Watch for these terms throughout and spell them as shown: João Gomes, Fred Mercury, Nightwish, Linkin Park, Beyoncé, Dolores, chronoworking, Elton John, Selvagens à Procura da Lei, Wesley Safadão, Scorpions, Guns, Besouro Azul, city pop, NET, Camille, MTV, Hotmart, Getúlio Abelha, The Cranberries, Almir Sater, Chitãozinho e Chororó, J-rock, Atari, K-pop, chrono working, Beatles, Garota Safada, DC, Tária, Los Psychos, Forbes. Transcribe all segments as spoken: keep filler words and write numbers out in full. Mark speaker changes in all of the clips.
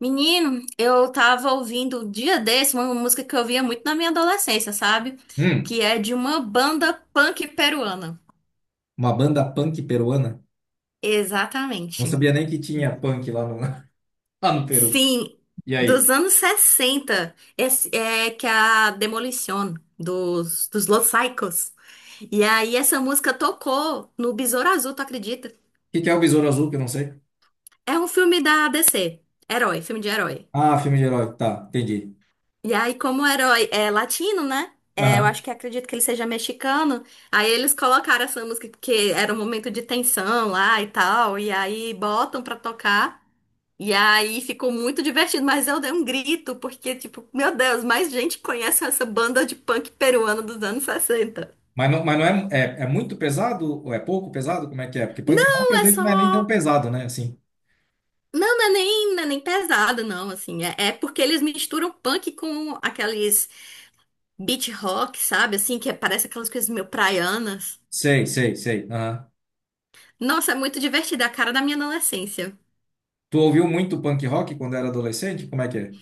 Speaker 1: Menino, eu tava ouvindo um dia desse uma música que eu ouvia muito na minha adolescência, sabe? Que
Speaker 2: Hum,
Speaker 1: é de uma banda punk peruana.
Speaker 2: uma banda punk peruana? Não
Speaker 1: Exatamente.
Speaker 2: sabia nem que tinha punk lá no, lá no Peru.
Speaker 1: Sim,
Speaker 2: E aí? O
Speaker 1: dos anos sessenta, esse, é que é a Demolition dos, dos Los Psychos. E aí essa música tocou no Besouro Azul, tu acredita?
Speaker 2: que que é o Besouro Azul, que eu não sei?
Speaker 1: É um filme da D C, herói, filme de herói.
Speaker 2: Ah, filme de herói. Tá, entendi.
Speaker 1: E aí, como o herói é latino, né? É, eu
Speaker 2: Aham.
Speaker 1: acho que acredito que ele seja mexicano. Aí eles colocaram essa música porque era um momento de tensão lá e tal. E aí botam pra tocar. E aí ficou muito divertido, mas eu dei um grito, porque, tipo, meu Deus, mais gente conhece essa banda de punk peruana dos anos sessenta.
Speaker 2: Mas não, mas não é, é, é muito pesado ou é pouco pesado? Como é que é? Porque punk rock às
Speaker 1: Não, é
Speaker 2: vezes não é nem tão
Speaker 1: só.
Speaker 2: pesado, né? Assim.
Speaker 1: Não, não é nem, não é nem pesado, não, assim. É, é porque eles misturam punk com aqueles beat rock, sabe? Assim, que é, parece aquelas coisas meio praianas.
Speaker 2: Sei, sei, sei. Aham.
Speaker 1: Nossa, é muito divertida, a cara da minha adolescência.
Speaker 2: Tu ouviu muito punk rock quando era adolescente? Como é que é?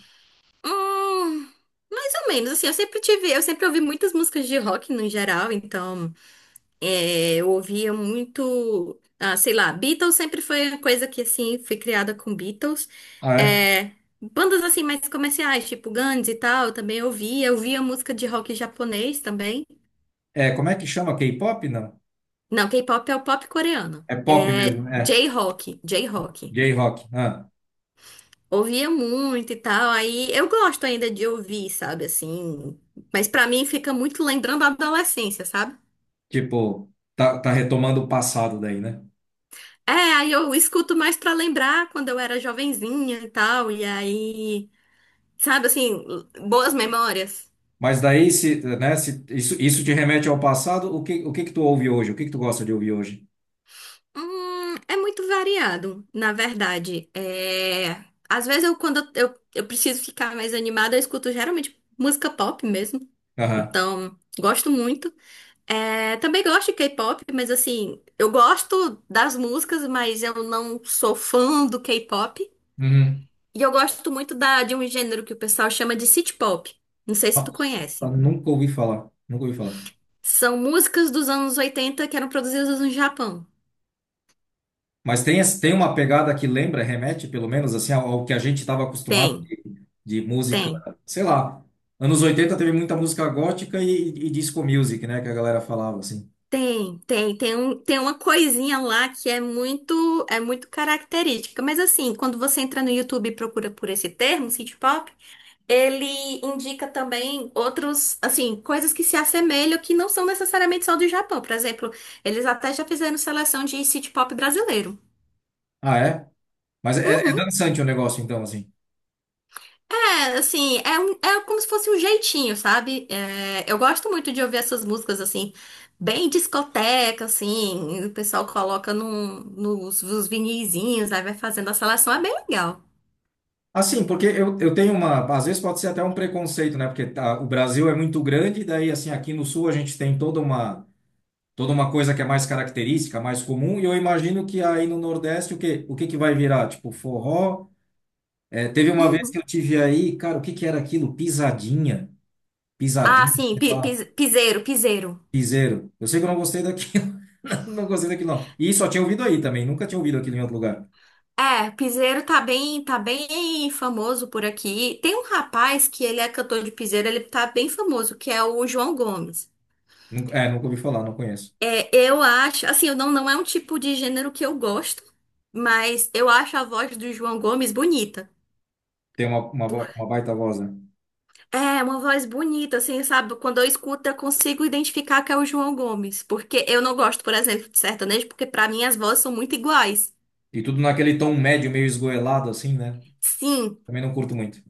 Speaker 1: Hum, Mais ou menos, assim, eu sempre tive, eu sempre ouvi muitas músicas de rock no geral, então é, eu ouvia muito, ah, sei lá, Beatles sempre foi uma coisa que, assim, fui criada com Beatles.
Speaker 2: Ah, é?
Speaker 1: É, bandas, assim, mais comerciais, tipo Guns e tal, eu também ouvia, eu via música de rock japonês também.
Speaker 2: É, como é que chama? K-pop? Não.
Speaker 1: Não, K-pop é o pop coreano.
Speaker 2: É pop
Speaker 1: É
Speaker 2: mesmo, é.
Speaker 1: J-rock, J-rock.
Speaker 2: J-rock. Ah,
Speaker 1: Ouvia muito e tal, aí eu gosto ainda de ouvir, sabe, assim, mas pra mim fica muito lembrando a adolescência, sabe?
Speaker 2: tipo, tá, tá retomando o passado daí, né?
Speaker 1: É, aí eu escuto mais pra lembrar quando eu era jovenzinha e tal, e aí, sabe, assim, boas memórias.
Speaker 2: Mas daí, se, né, se isso, isso te remete ao passado, o que, o que que tu ouve hoje? O que que tu gosta de ouvir hoje?
Speaker 1: Hum, é muito variado, na verdade. É, às vezes eu, quando eu, eu preciso ficar mais animada, eu escuto geralmente música pop mesmo,
Speaker 2: Aham.
Speaker 1: então gosto muito. É, também gosto de K-pop, mas assim, eu gosto das músicas, mas eu não sou fã do K-pop.
Speaker 2: Uhum.
Speaker 1: E eu gosto muito da, de um gênero que o pessoal chama de city pop. Não sei se tu
Speaker 2: Nossa,
Speaker 1: conhece.
Speaker 2: nunca ouvi falar, nunca ouvi falar.
Speaker 1: São músicas dos anos oitenta que eram produzidas no Japão.
Speaker 2: Mas tem, esse- tem uma pegada que lembra, remete, pelo menos, assim, ao, ao que a gente estava acostumado
Speaker 1: Tem,
Speaker 2: de, de, música,
Speaker 1: tem,
Speaker 2: sei lá. Anos oitenta teve muita música gótica e, e disco music, né, que a galera falava, assim.
Speaker 1: tem, tem, tem um, tem uma coisinha lá que é muito, é muito característica. Mas assim, quando você entra no YouTube e procura por esse termo, city pop, ele indica também outros, assim, coisas que se assemelham que não são necessariamente só do Japão. Por exemplo, eles até já fizeram seleção de city pop brasileiro.
Speaker 2: Ah, é? Mas é, é
Speaker 1: Uhum.
Speaker 2: dançante o negócio, então, assim.
Speaker 1: É, assim, é, um- é como se fosse um jeitinho, sabe? É, eu gosto muito de ouvir essas músicas, assim, bem discoteca, assim. e O pessoal coloca num, nos, nos vinizinhos, aí vai fazendo a seleção. É bem legal.
Speaker 2: Assim, porque eu, eu tenho uma. Às vezes pode ser até um preconceito, né? Porque tá, o Brasil é muito grande, daí, assim, aqui no Sul a gente tem toda uma, toda uma, coisa que é mais característica, mais comum, e eu imagino que aí no Nordeste o que, o que que vai virar? Tipo, forró. É, teve uma vez que
Speaker 1: Uhum.
Speaker 2: eu tive aí, cara, o que que era aquilo? Pisadinha.
Speaker 1: Ah,
Speaker 2: Pisadinha,
Speaker 1: sim,
Speaker 2: sei
Speaker 1: pi,
Speaker 2: lá,
Speaker 1: pis- piseiro, piseiro.
Speaker 2: piseiro. Eu sei que eu não gostei daquilo, não gostei daquilo, não. E só tinha ouvido aí também, nunca tinha ouvido aquilo em outro lugar.
Speaker 1: É, piseiro tá bem, tá bem famoso por aqui. Tem um rapaz que ele é cantor de piseiro, ele tá bem famoso, que é o João Gomes.
Speaker 2: Nunca- é, nunca ouvi falar, não conheço.
Speaker 1: É, eu acho, assim, eu não, não é um tipo de gênero que eu gosto, mas eu acho a voz do João Gomes bonita.
Speaker 2: Tem uma, uma,
Speaker 1: Por-
Speaker 2: vo- uma baita voz, né?
Speaker 1: é, uma voz bonita, assim, sabe? Quando eu escuto, eu consigo identificar que é o João Gomes, porque eu não gosto, por exemplo, de sertanejo, porque pra mim as vozes são muito iguais.
Speaker 2: E tudo naquele tom médio, meio esgoelado, assim, né?
Speaker 1: Sim.
Speaker 2: Também não curto muito.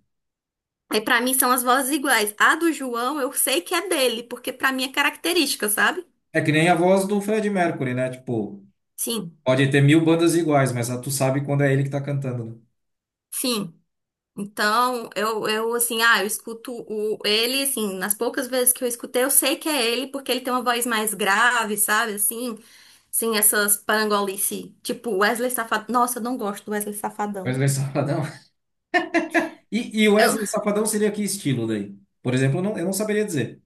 Speaker 1: Aí pra mim são as vozes iguais. A do João eu sei que é dele, porque pra mim é característica, sabe?
Speaker 2: É que nem a voz do Fred Mercury, né? Tipo,
Speaker 1: Sim,
Speaker 2: pode ter mil bandas iguais, mas ah, tu sabe quando é ele que tá cantando, né?
Speaker 1: sim. Então, eu, eu assim, ah, eu escuto o, ele, assim, nas poucas vezes que eu escutei, eu sei que é ele, porque ele tem uma voz mais grave, sabe? Assim, sim, essas parangolice, tipo Wesley Safadão. Nossa, eu não gosto do Wesley Safadão.
Speaker 2: Wesley Safadão. E, e
Speaker 1: Eu-
Speaker 2: Wesley Safadão seria que estilo daí? Por exemplo, eu não, eu não saberia dizer.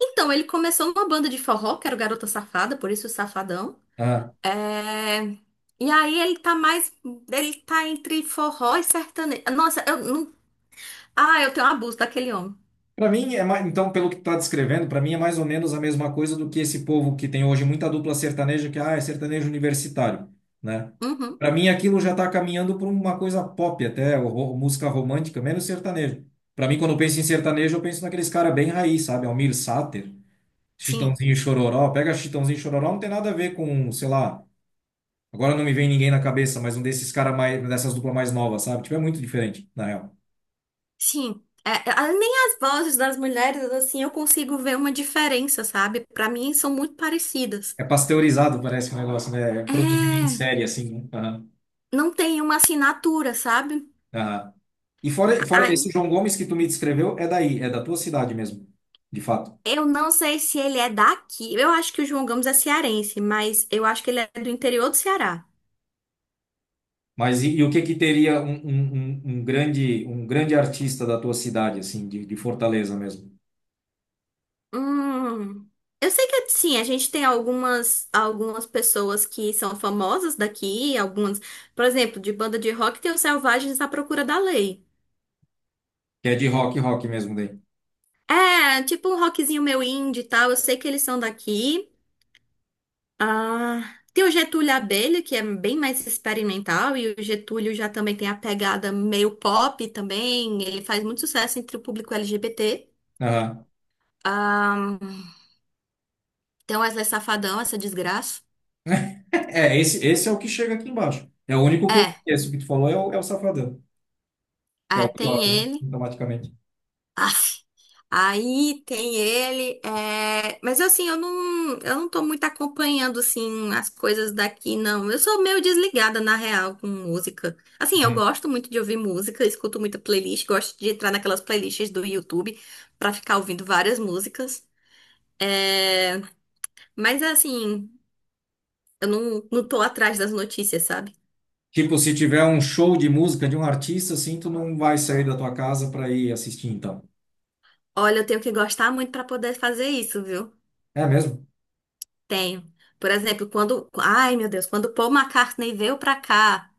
Speaker 1: então, ele começou numa banda de forró, que era o Garota Safada, por isso o Safadão.
Speaker 2: Ah,
Speaker 1: É, e aí ele tá mais. Ele tá entre forró e sertanejo. Nossa, eu não. Ah, eu tenho um abuso daquele homem.
Speaker 2: para mim, é mais, então, pelo que está descrevendo, para mim é mais ou menos a mesma coisa do que esse povo que tem hoje muita dupla sertaneja, que ah, é sertanejo universitário, né?
Speaker 1: Uhum.
Speaker 2: Para mim, aquilo já está caminhando para uma coisa pop, até ou ro- música romântica, menos sertanejo. Para mim, quando eu penso em sertanejo, eu penso naqueles cara bem raiz, sabe? Almir Sater,
Speaker 1: Sim,
Speaker 2: Chitãozinho e Chororó. Pega Chitãozinho e Chororó, não tem nada a ver com, sei lá, agora não me vem ninguém na cabeça, mas um desses cara mais, dessas duplas mais novas, sabe? Tipo, é muito diferente, na real.
Speaker 1: sim. É, é, nem as vozes das mulheres, assim, eu consigo ver uma diferença, sabe? Pra mim são muito parecidas.
Speaker 2: É pasteurizado, parece que o negócio, né? É produzido em
Speaker 1: É,
Speaker 2: série, assim, né? Aham,
Speaker 1: não tem uma assinatura, sabe?
Speaker 2: aham. E fora, fora, esse
Speaker 1: Ai,
Speaker 2: João Gomes que tu me descreveu, é daí, é da tua cidade mesmo, de fato.
Speaker 1: eu não sei se ele é daqui. Eu acho que o João Gomes é cearense, mas eu acho que ele é do interior do Ceará.
Speaker 2: Mas e, e o que que teria um, um, um um grande, um grande artista da tua cidade, assim, de, de Fortaleza mesmo?
Speaker 1: Hum, eu sei que sim, a gente tem algumas algumas pessoas que são famosas daqui, algumas, por exemplo, de banda de rock tem os Selvagens à Procura da Lei.
Speaker 2: Que é de rock, rock mesmo daí.
Speaker 1: É, tipo um rockzinho meio indie e tal, eu sei que eles são daqui. Ah, tem o Getúlio Abelha, que é bem mais experimental, e o Getúlio já também tem a pegada meio pop também, ele faz muito sucesso entre o público L G B T.
Speaker 2: Aham.
Speaker 1: Ah, tem o Wesley Safadão, essa desgraça.
Speaker 2: É, esse, esse é o que chega aqui embaixo. É o único que eu
Speaker 1: É,
Speaker 2: conheço. O que tu falou é o, é o Safadão, que é o
Speaker 1: é,
Speaker 2: pior,
Speaker 1: tem
Speaker 2: né?
Speaker 1: ele.
Speaker 2: Automaticamente.
Speaker 1: Aff. Aí tem ele, é, mas assim, eu não, eu não tô muito acompanhando, assim, as coisas daqui, não. Eu sou meio desligada, na real, com música. Assim, eu
Speaker 2: Uhum.
Speaker 1: gosto muito de ouvir música, escuto muita playlist, gosto de entrar naquelas playlists do YouTube pra ficar ouvindo várias músicas. É, mas assim, eu não, não tô atrás das notícias, sabe?
Speaker 2: Tipo, se tiver um show de música de um artista, assim, tu não vai sair da tua casa para ir assistir, então.
Speaker 1: Olha, eu tenho que gostar muito pra poder fazer isso, viu?
Speaker 2: É mesmo?
Speaker 1: Tenho. Por exemplo, quando. Ai, meu Deus, quando Paul McCartney veio pra cá.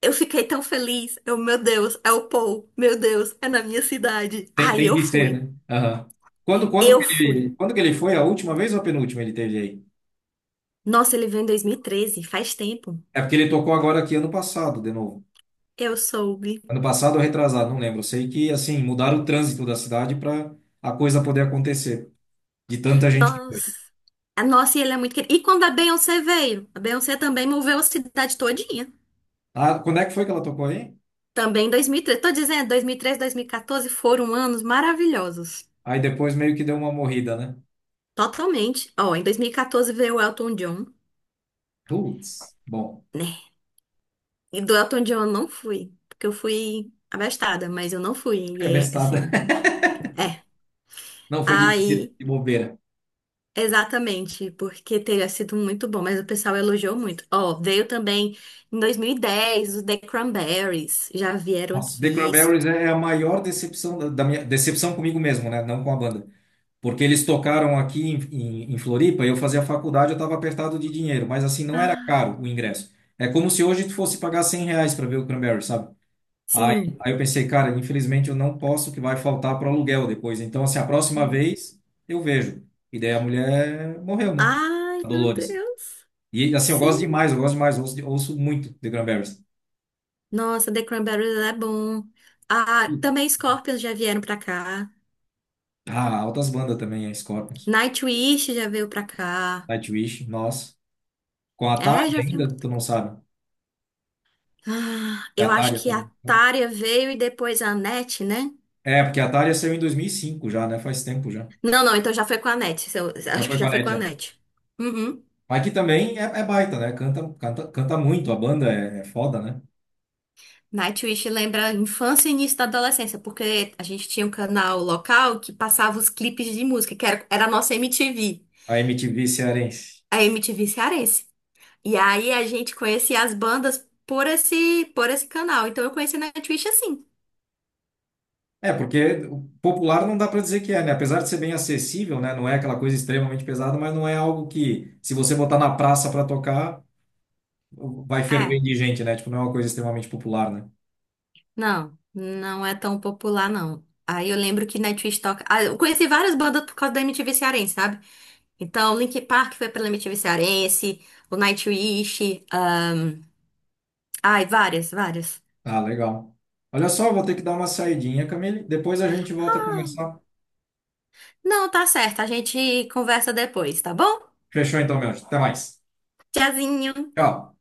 Speaker 1: Eu fiquei tão feliz. Eu, meu Deus, é o Paul. Meu Deus, é na minha cidade.
Speaker 2: Tem,
Speaker 1: Aí
Speaker 2: tem
Speaker 1: eu
Speaker 2: que ser,
Speaker 1: fui.
Speaker 2: né? Aham. Quando, quando
Speaker 1: Eu
Speaker 2: que ele,
Speaker 1: fui.
Speaker 2: quando que ele foi? A última vez ou a penúltima ele teve aí?
Speaker 1: Nossa, ele veio em dois mil e treze. Faz tempo.
Speaker 2: É porque ele tocou agora aqui ano passado, de novo.
Speaker 1: Eu soube.
Speaker 2: Ano passado ou retrasado, não lembro. Eu sei que, assim, mudaram o trânsito da cidade para a coisa poder acontecer. De tanta gente que foi.
Speaker 1: Nossa. Ah, nossa, e ele é muito querido. E quando a Beyoncé veio? A Beyoncé também moveu a cidade todinha.
Speaker 2: Ah, quando é que foi que ela tocou aí?
Speaker 1: Também em dois mil e treze. Tô dizendo, dois dois mil mil e treze, dois mil e dois mil e quatorze foram anos maravilhosos.
Speaker 2: Aí depois meio que deu uma morrida, né?
Speaker 1: Totalmente. Ó, em dois mil e quatorze veio o Elton John,
Speaker 2: Putz, bom,
Speaker 1: né? E do Elton John eu não fui, porque eu fui abastada, mas eu não fui. E
Speaker 2: é
Speaker 1: é
Speaker 2: bestada.
Speaker 1: assim. É.
Speaker 2: Não foi de, de
Speaker 1: Aí,
Speaker 2: de bobeira.
Speaker 1: exatamente, porque teria sido muito bom, mas o pessoal elogiou muito. Ó, veio também em dois mil e dez os The Cranberries, já vieram
Speaker 2: Nossa, The
Speaker 1: aqui.
Speaker 2: Cranberries é é a maior decepção da da minha decepção comigo mesmo, né? Não com a banda. Porque eles tocaram aqui em, em, em Floripa, eu fazia faculdade, eu estava apertado de dinheiro, mas assim, não era
Speaker 1: Ai,
Speaker 2: caro o ingresso. É como se hoje tu fosse pagar cem reais para ver o Cranberries, sabe? Aí,
Speaker 1: sim.
Speaker 2: aí eu pensei, cara, infelizmente eu não posso, que vai faltar para o aluguel depois. Então, assim, a próxima vez eu vejo. E daí a mulher morreu, né?
Speaker 1: Ai,
Speaker 2: A
Speaker 1: meu
Speaker 2: Dolores.
Speaker 1: Deus.
Speaker 2: E assim, eu gosto
Speaker 1: Sim.
Speaker 2: demais, eu gosto demais, ouço, ouço muito The Cranberries.
Speaker 1: Nossa, The Cranberries é bom. Ah, também Scorpions já vieram pra cá.
Speaker 2: Ah, altas bandas também, é Scorpions.
Speaker 1: Nightwish já veio pra cá.
Speaker 2: Nightwish, nossa. Com a
Speaker 1: É,
Speaker 2: Atari
Speaker 1: já veio.
Speaker 2: ainda? Tu não sabe?
Speaker 1: Ah,
Speaker 2: É a
Speaker 1: eu acho
Speaker 2: Atari
Speaker 1: que a
Speaker 2: também.
Speaker 1: Tária veio e depois a Annette, né?
Speaker 2: É, porque a Atari saiu em dois mil e cinco já, né? Faz tempo já.
Speaker 1: Não, não, então já foi com a Net. Eu
Speaker 2: Já
Speaker 1: acho
Speaker 2: foi
Speaker 1: que
Speaker 2: com
Speaker 1: já
Speaker 2: a
Speaker 1: foi com
Speaker 2: N E T,
Speaker 1: a
Speaker 2: é.
Speaker 1: Net. Uhum.
Speaker 2: Mas que também é, é, baita, né? Canta, canta, canta muito, a banda é, é foda, né?
Speaker 1: Nightwish lembra a infância e início da adolescência, porque a gente tinha um canal local que passava os clipes de música, que era, era a nossa M T V,
Speaker 2: A M T V cearense.
Speaker 1: a M T V cearense. E aí a gente conhecia as bandas por esse, por esse canal. Então eu conheci Nightwish assim.
Speaker 2: É, porque o popular não dá pra dizer que é, né? Apesar de ser bem acessível, né? Não é aquela coisa extremamente pesada, mas não é algo que, se você botar na praça pra tocar, vai ferver
Speaker 1: É,
Speaker 2: de gente, né? Tipo, não é uma coisa extremamente popular, né?
Speaker 1: não, não é tão popular, não. Aí eu lembro que Nightwish toca. Ah, eu conheci várias bandas por causa da M T V cearense, sabe? Então, Linkin Park foi pela M T V Cearense, o Nightwish, ahn, ai, várias, várias.
Speaker 2: Ah, legal. Olha só, vou ter que dar uma saidinha, Camille. Depois a gente volta a conversar.
Speaker 1: Não, tá certo, a gente conversa depois, tá bom?
Speaker 2: Fechou então, meu anjo. Até mais.
Speaker 1: Tchauzinho!
Speaker 2: Tchau.